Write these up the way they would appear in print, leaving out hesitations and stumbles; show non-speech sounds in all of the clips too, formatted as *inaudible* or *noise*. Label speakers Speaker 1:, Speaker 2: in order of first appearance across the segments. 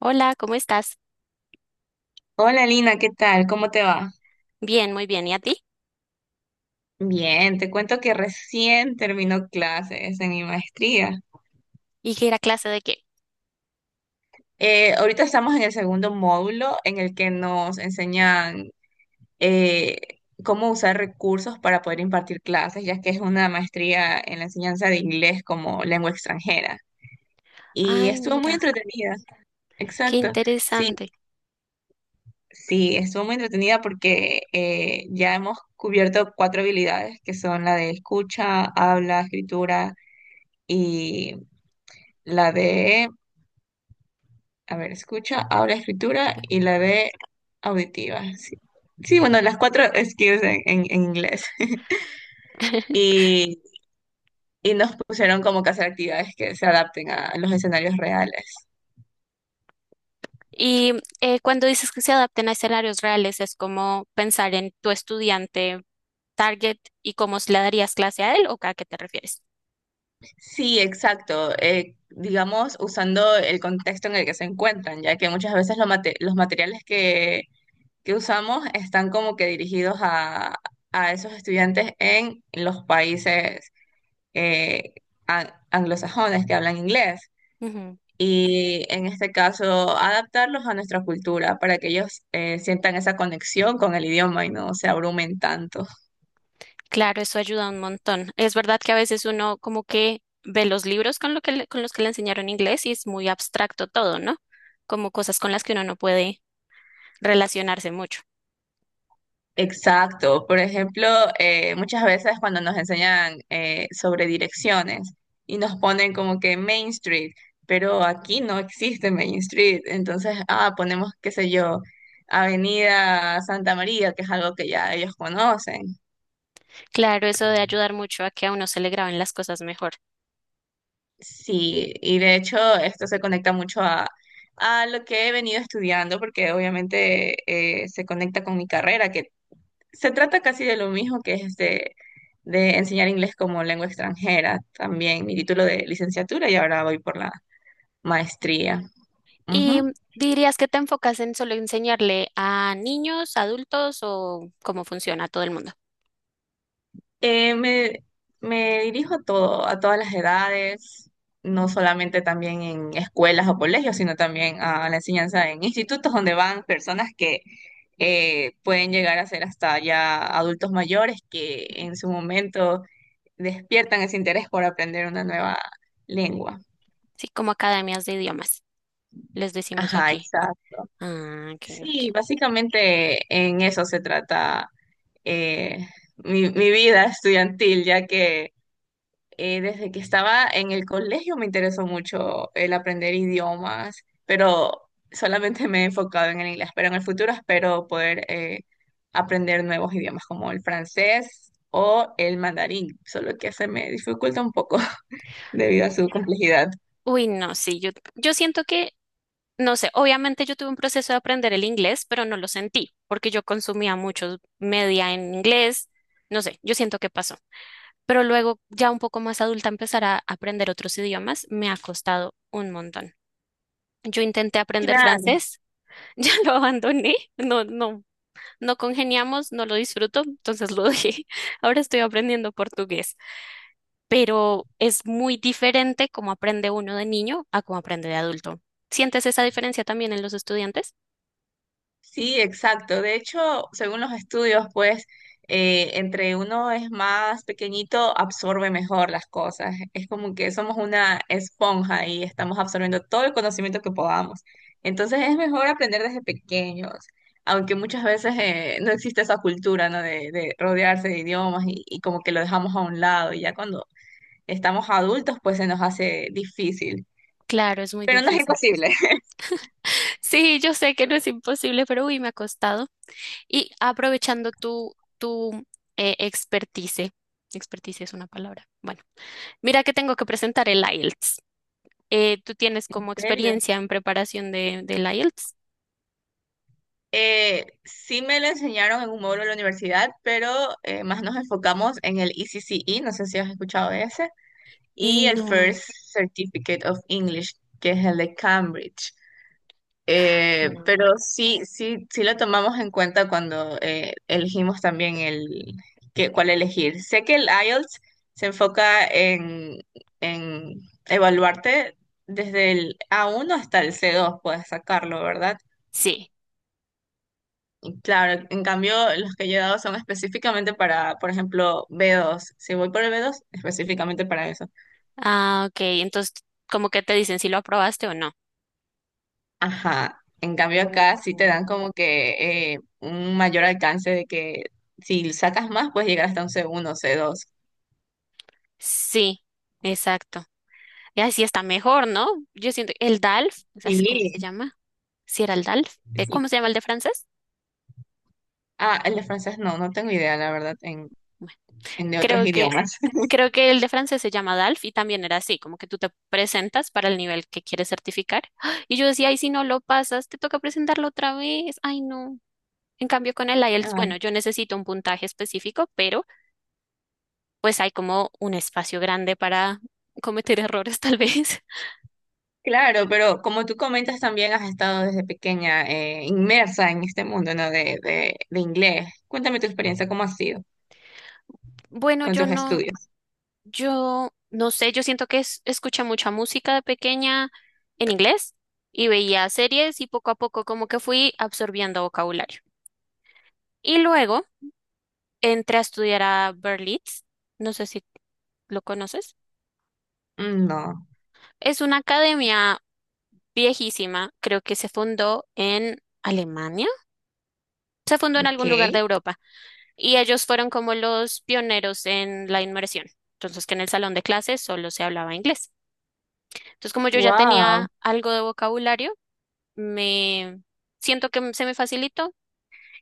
Speaker 1: Hola, ¿cómo estás?
Speaker 2: Hola Lina, ¿qué tal? ¿Cómo te va?
Speaker 1: Bien, muy bien. ¿Y a ti?
Speaker 2: Bien, te cuento que recién terminó clases en mi maestría.
Speaker 1: ¿Y qué era clase de qué?
Speaker 2: Ahorita estamos en el segundo módulo en el que nos enseñan eh, cómo usar recursos para poder impartir clases, ya que es una maestría en la enseñanza de inglés como lengua extranjera. Y
Speaker 1: Ay,
Speaker 2: estuvo muy
Speaker 1: mira,
Speaker 2: entretenida.
Speaker 1: qué
Speaker 2: Exacto. Sí,
Speaker 1: interesante.
Speaker 2: sí, estuvo muy entretenida porque ya hemos cubierto cuatro habilidades que son la de escucha, habla, escritura y la de, a ver, escucha, habla, escritura y la de auditiva. Sí, sí, bueno, las cuatro skills en inglés. *laughs*
Speaker 1: *laughs*
Speaker 2: Y, y nos pusieron como que hacer actividades que se adapten a los escenarios reales.
Speaker 1: Y cuando dices que se adapten a escenarios reales, es como pensar en tu estudiante target y cómo le darías clase a él, ¿o a qué te refieres?
Speaker 2: Sí, exacto. Digamos, usando el contexto en el que se encuentran, ya que muchas veces los materiales que usamos están como que dirigidos a esos estudiantes en los países eh, anglosajones que hablan inglés
Speaker 1: Ujú.
Speaker 2: y en este caso adaptarlos a nuestra cultura para que ellos sientan esa conexión con el idioma y no se abrumen tanto.
Speaker 1: Claro, eso ayuda un montón. Es verdad que a veces uno como que ve los libros con lo que con los que le enseñaron inglés y es muy abstracto todo, ¿no? Como cosas con las que uno no puede relacionarse mucho.
Speaker 2: Exacto. Por ejemplo, muchas veces cuando nos enseñan sobre direcciones y nos ponen como que Main Street, pero aquí no existe Main Street, entonces, ah, ponemos, qué sé yo. Avenida Santa María, que es algo que ya ellos conocen.
Speaker 1: Claro, eso de ayudar mucho a que a uno se le graben las cosas mejor.
Speaker 2: Sí, y de hecho esto se conecta mucho a lo que he venido estudiando, porque obviamente se conecta con mi carrera, que se trata casi de lo mismo, que es de enseñar inglés como lengua extranjera, también mi título de licenciatura y ahora voy por la maestría.
Speaker 1: ¿Y
Speaker 2: Ujú.
Speaker 1: dirías que te enfocas en solo enseñarle a niños, adultos o cómo funciona a todo el mundo?
Speaker 2: Eh, me, me dirijo a todo, a todas las edades, no solamente también en escuelas o colegios, sino también a la enseñanza en institutos donde van personas que pueden llegar a ser hasta ya adultos mayores que en su momento despiertan ese interés por aprender una nueva lengua.
Speaker 1: Sí, como academias de idiomas, les decimos
Speaker 2: Ajá,
Speaker 1: aquí.
Speaker 2: exacto.
Speaker 1: Ah, ok,
Speaker 2: Sí,
Speaker 1: ok.
Speaker 2: básicamente en eso se trata eh, mi vida estudiantil, ya que desde que estaba en el colegio me interesó mucho el aprender idiomas, pero solamente me he enfocado en el inglés, pero en el futuro espero poder aprender nuevos idiomas como el francés o el mandarín, solo que se me dificulta un poco *laughs* debido a su complejidad.
Speaker 1: Uy, no, sí, yo siento que, no sé, obviamente yo tuve un proceso de aprender el inglés, pero no lo sentí, porque yo consumía mucho media en inglés, no sé, yo siento que pasó. Pero luego, ya un poco más adulta, empezar a aprender otros idiomas me ha costado un montón. Yo intenté aprender
Speaker 2: Claro.
Speaker 1: francés, *laughs* ya lo abandoné, no congeniamos, no lo disfruto, entonces lo dejé. *laughs* Ahora estoy aprendiendo portugués, pero es muy diferente cómo aprende uno de niño a cómo aprende de adulto. ¿Sientes esa diferencia también en los estudiantes?
Speaker 2: Sí, exacto. De hecho, según los estudios, pues entre uno es más pequeñito, absorbe mejor las cosas. Es como que somos una esponja y estamos absorbiendo todo el conocimiento que podamos. Entonces es mejor aprender desde pequeños, aunque muchas veces no existe esa cultura, ¿no? De rodearse de idiomas y como que lo dejamos a un lado. Y ya cuando estamos adultos, pues se nos hace difícil.
Speaker 1: Claro, es muy
Speaker 2: Pero no es
Speaker 1: difícil.
Speaker 2: imposible. *laughs*
Speaker 1: Sí, yo sé que no es imposible, pero uy, me ha costado. Y aprovechando tu expertise, expertise es una palabra. Bueno, mira que tengo que presentar el IELTS. ¿Tú tienes
Speaker 2: ¿En
Speaker 1: como
Speaker 2: serio?
Speaker 1: experiencia en preparación de, del IELTS?
Speaker 2: Sí, me lo enseñaron en un módulo de la universidad, pero más nos enfocamos en el ECCE, no sé si has escuchado de ese, y el
Speaker 1: No,
Speaker 2: First Certificate of English, que es el de Cambridge.
Speaker 1: no.
Speaker 2: Pero sí, sí, sí lo tomamos en cuenta cuando elegimos también el cuál elegir. Sé que el IELTS se enfoca en evaluarte desde el A1 hasta el C2, puedes sacarlo, ¿verdad?
Speaker 1: Sí.
Speaker 2: Claro, en cambio, los que yo he dado son específicamente para, por ejemplo, B2. Si voy por el B2, específicamente para eso.
Speaker 1: Ah, ok. Entonces, ¿como que te dicen si lo aprobaste o no?
Speaker 2: Ajá. En cambio, acá sí te
Speaker 1: Oh.
Speaker 2: dan como que un mayor alcance de que si sacas más, puedes llegar hasta un C1, C2.
Speaker 1: Sí, exacto. Y así está mejor, ¿no? Yo siento, el DALF, ¿sabes cómo se
Speaker 2: Sí,
Speaker 1: llama? Si era el DALF.
Speaker 2: sí.
Speaker 1: ¿Cómo se llama el de francés?
Speaker 2: Ah, el de francés no, no tengo idea, la verdad, en de otros
Speaker 1: Creo que,
Speaker 2: idiomas.
Speaker 1: creo que el de francés se llama DALF y también era así, como que tú te presentas para el nivel que quieres certificar. ¡Ah! Y yo decía, ay, si no lo pasas, te toca presentarlo otra vez. Ay, no. En cambio, con el
Speaker 2: *laughs*
Speaker 1: IELTS,
Speaker 2: Ay,
Speaker 1: bueno, yo necesito un puntaje específico, pero pues hay como un espacio grande para cometer errores, tal vez. *laughs*
Speaker 2: claro, pero como tú comentas, también has estado desde pequeña inmersa en este mundo, ¿no? De inglés. Cuéntame tu experiencia, ¿cómo ha sido
Speaker 1: Bueno,
Speaker 2: con
Speaker 1: yo
Speaker 2: tus
Speaker 1: no,
Speaker 2: estudios?
Speaker 1: yo no sé, yo siento que es, escuché mucha música de pequeña en inglés y veía series y poco a poco como que fui absorbiendo vocabulario. Y luego entré a estudiar a Berlitz, no sé si lo conoces.
Speaker 2: Mm, no,
Speaker 1: Es una academia viejísima, creo que se fundó en Alemania, se fundó en
Speaker 2: ok.
Speaker 1: algún lugar de Europa y ellos fueron como los pioneros en la inmersión. Entonces, que en el salón de clases solo se hablaba inglés. Entonces, como yo ya
Speaker 2: Wow.
Speaker 1: tenía algo de vocabulario, me siento que se me facilitó.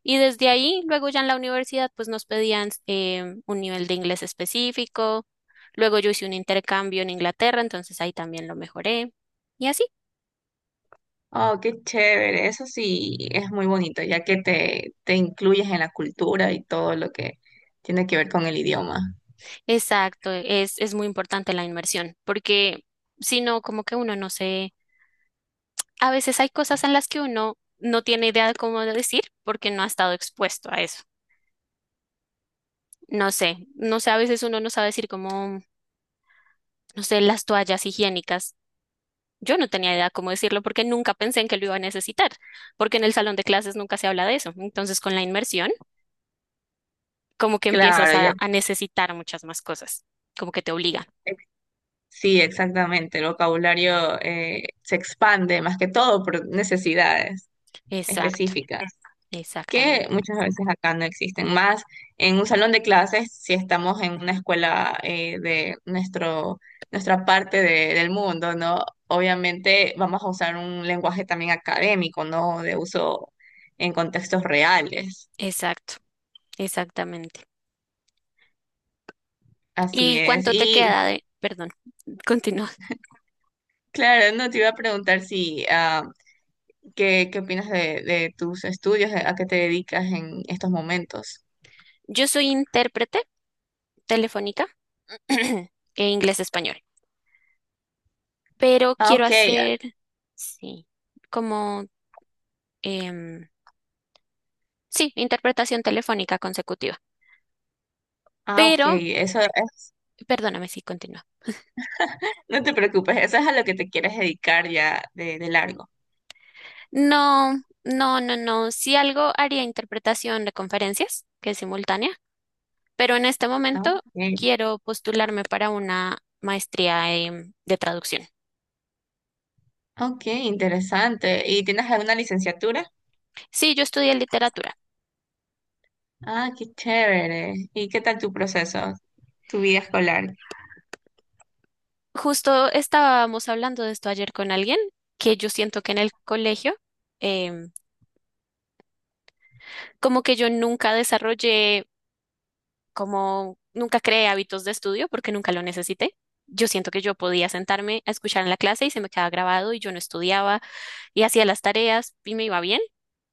Speaker 1: Y desde ahí, luego ya en la universidad, pues nos pedían un nivel de inglés específico. Luego yo hice un intercambio en Inglaterra, entonces ahí también lo mejoré. Y así.
Speaker 2: Oh, qué chévere. Eso sí es muy bonito, ya que te incluyes en la cultura y todo lo que tiene que ver con el idioma.
Speaker 1: Exacto, es muy importante la inmersión, porque si no, como que uno no se, a veces hay cosas en las que uno no tiene idea de cómo decir porque no ha estado expuesto a eso. No sé, no sé, a veces uno no sabe decir como, no sé, las toallas higiénicas. Yo no tenía idea cómo decirlo porque nunca pensé en que lo iba a necesitar, porque en el salón de clases nunca se habla de eso. Entonces, con la inmersión, como que empiezas
Speaker 2: Claro, ya,
Speaker 1: a necesitar muchas más cosas, como que te obliga.
Speaker 2: ex- sí, exactamente. El vocabulario se expande más que todo por necesidades
Speaker 1: Exacto,
Speaker 2: específicas, que
Speaker 1: exactamente,
Speaker 2: muchas veces acá no existen. Más en un salón de clases, si estamos en una escuela de nuestro, nuestra del mundo, ¿no? Obviamente vamos a usar un lenguaje también académico, ¿no? De uso en contextos reales.
Speaker 1: exacto, exactamente.
Speaker 2: Así
Speaker 1: ¿Y
Speaker 2: es.
Speaker 1: cuánto te
Speaker 2: Y
Speaker 1: queda de, perdón, *laughs* continúa?
Speaker 2: claro, no, te iba a preguntar si, ah, ¿qué, qué opinas de tus estudios? ¿A qué te dedicas en estos momentos?
Speaker 1: Yo soy intérprete telefónica *clears throat* e inglés-español, pero
Speaker 2: Ah,
Speaker 1: quiero
Speaker 2: ok.
Speaker 1: hacer, sí, como, em, sí, interpretación telefónica consecutiva.
Speaker 2: Ah, ok.
Speaker 1: Pero
Speaker 2: Eso es.
Speaker 1: perdóname si continúa.
Speaker 2: No te preocupes, eso es a lo que te quieres dedicar ya de largo.
Speaker 1: No, no. Si algo haría interpretación de conferencias, que es simultánea, pero en este
Speaker 2: Ah,
Speaker 1: momento
Speaker 2: ok.
Speaker 1: quiero postularme para una maestría de traducción.
Speaker 2: Ok, interesante. ¿Y tienes alguna licenciatura?
Speaker 1: Sí, yo estudié literatura.
Speaker 2: Ah, qué chévere. ¿Y qué tal tu proceso, tu vida escolar?
Speaker 1: Justo estábamos hablando de esto ayer con alguien, que yo siento que en el colegio, em, como que yo nunca desarrollé, como nunca creé hábitos de estudio porque nunca lo necesité. Yo siento que yo podía sentarme a escuchar en la clase y se me quedaba grabado y yo no estudiaba y hacía las tareas y me iba bien.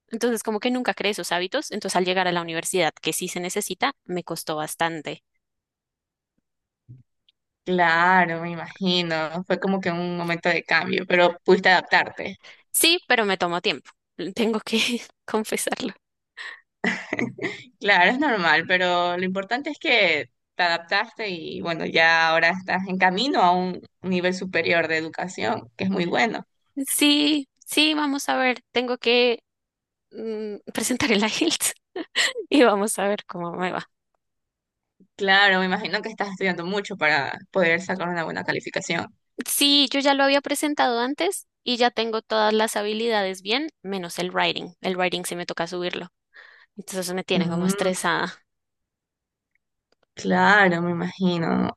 Speaker 1: Entonces, como que nunca creé esos hábitos. Entonces, al llegar a la universidad, que sí se necesita, me costó bastante.
Speaker 2: Claro, me imagino. Fue como que un momento de cambio, pero pudiste adaptarte.
Speaker 1: Sí, pero me tomó tiempo. Tengo que *laughs* confesarlo.
Speaker 2: Claro, es normal, pero lo importante es que te adaptaste y bueno, ya ahora estás en camino a un nivel superior de educación, que es muy bueno.
Speaker 1: Sí, sí, vamos a ver. Tengo que *laughs* presentar el IELTS *laughs* y vamos a ver cómo me va.
Speaker 2: Claro, me imagino que estás estudiando mucho para poder sacar una buena calificación.
Speaker 1: Sí, yo ya lo había presentado antes y ya tengo todas las habilidades bien, menos el writing. El writing sí me toca subirlo. Entonces me tiene como
Speaker 2: Mm,
Speaker 1: estresada.
Speaker 2: claro, me imagino.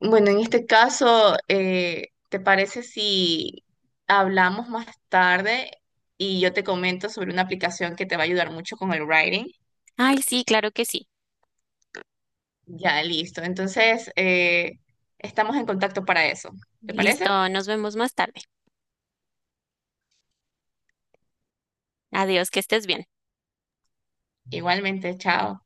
Speaker 2: Bueno, en este caso, ¿te parece si hablamos más tarde y yo te comento sobre una aplicación que te va a ayudar mucho con el writing?
Speaker 1: Ay, sí, claro que sí.
Speaker 2: Ya, listo. Entonces, estamos en contacto para eso. ¿Te parece?
Speaker 1: Listo, nos vemos más tarde. Adiós, que estés bien.
Speaker 2: Igualmente, chao.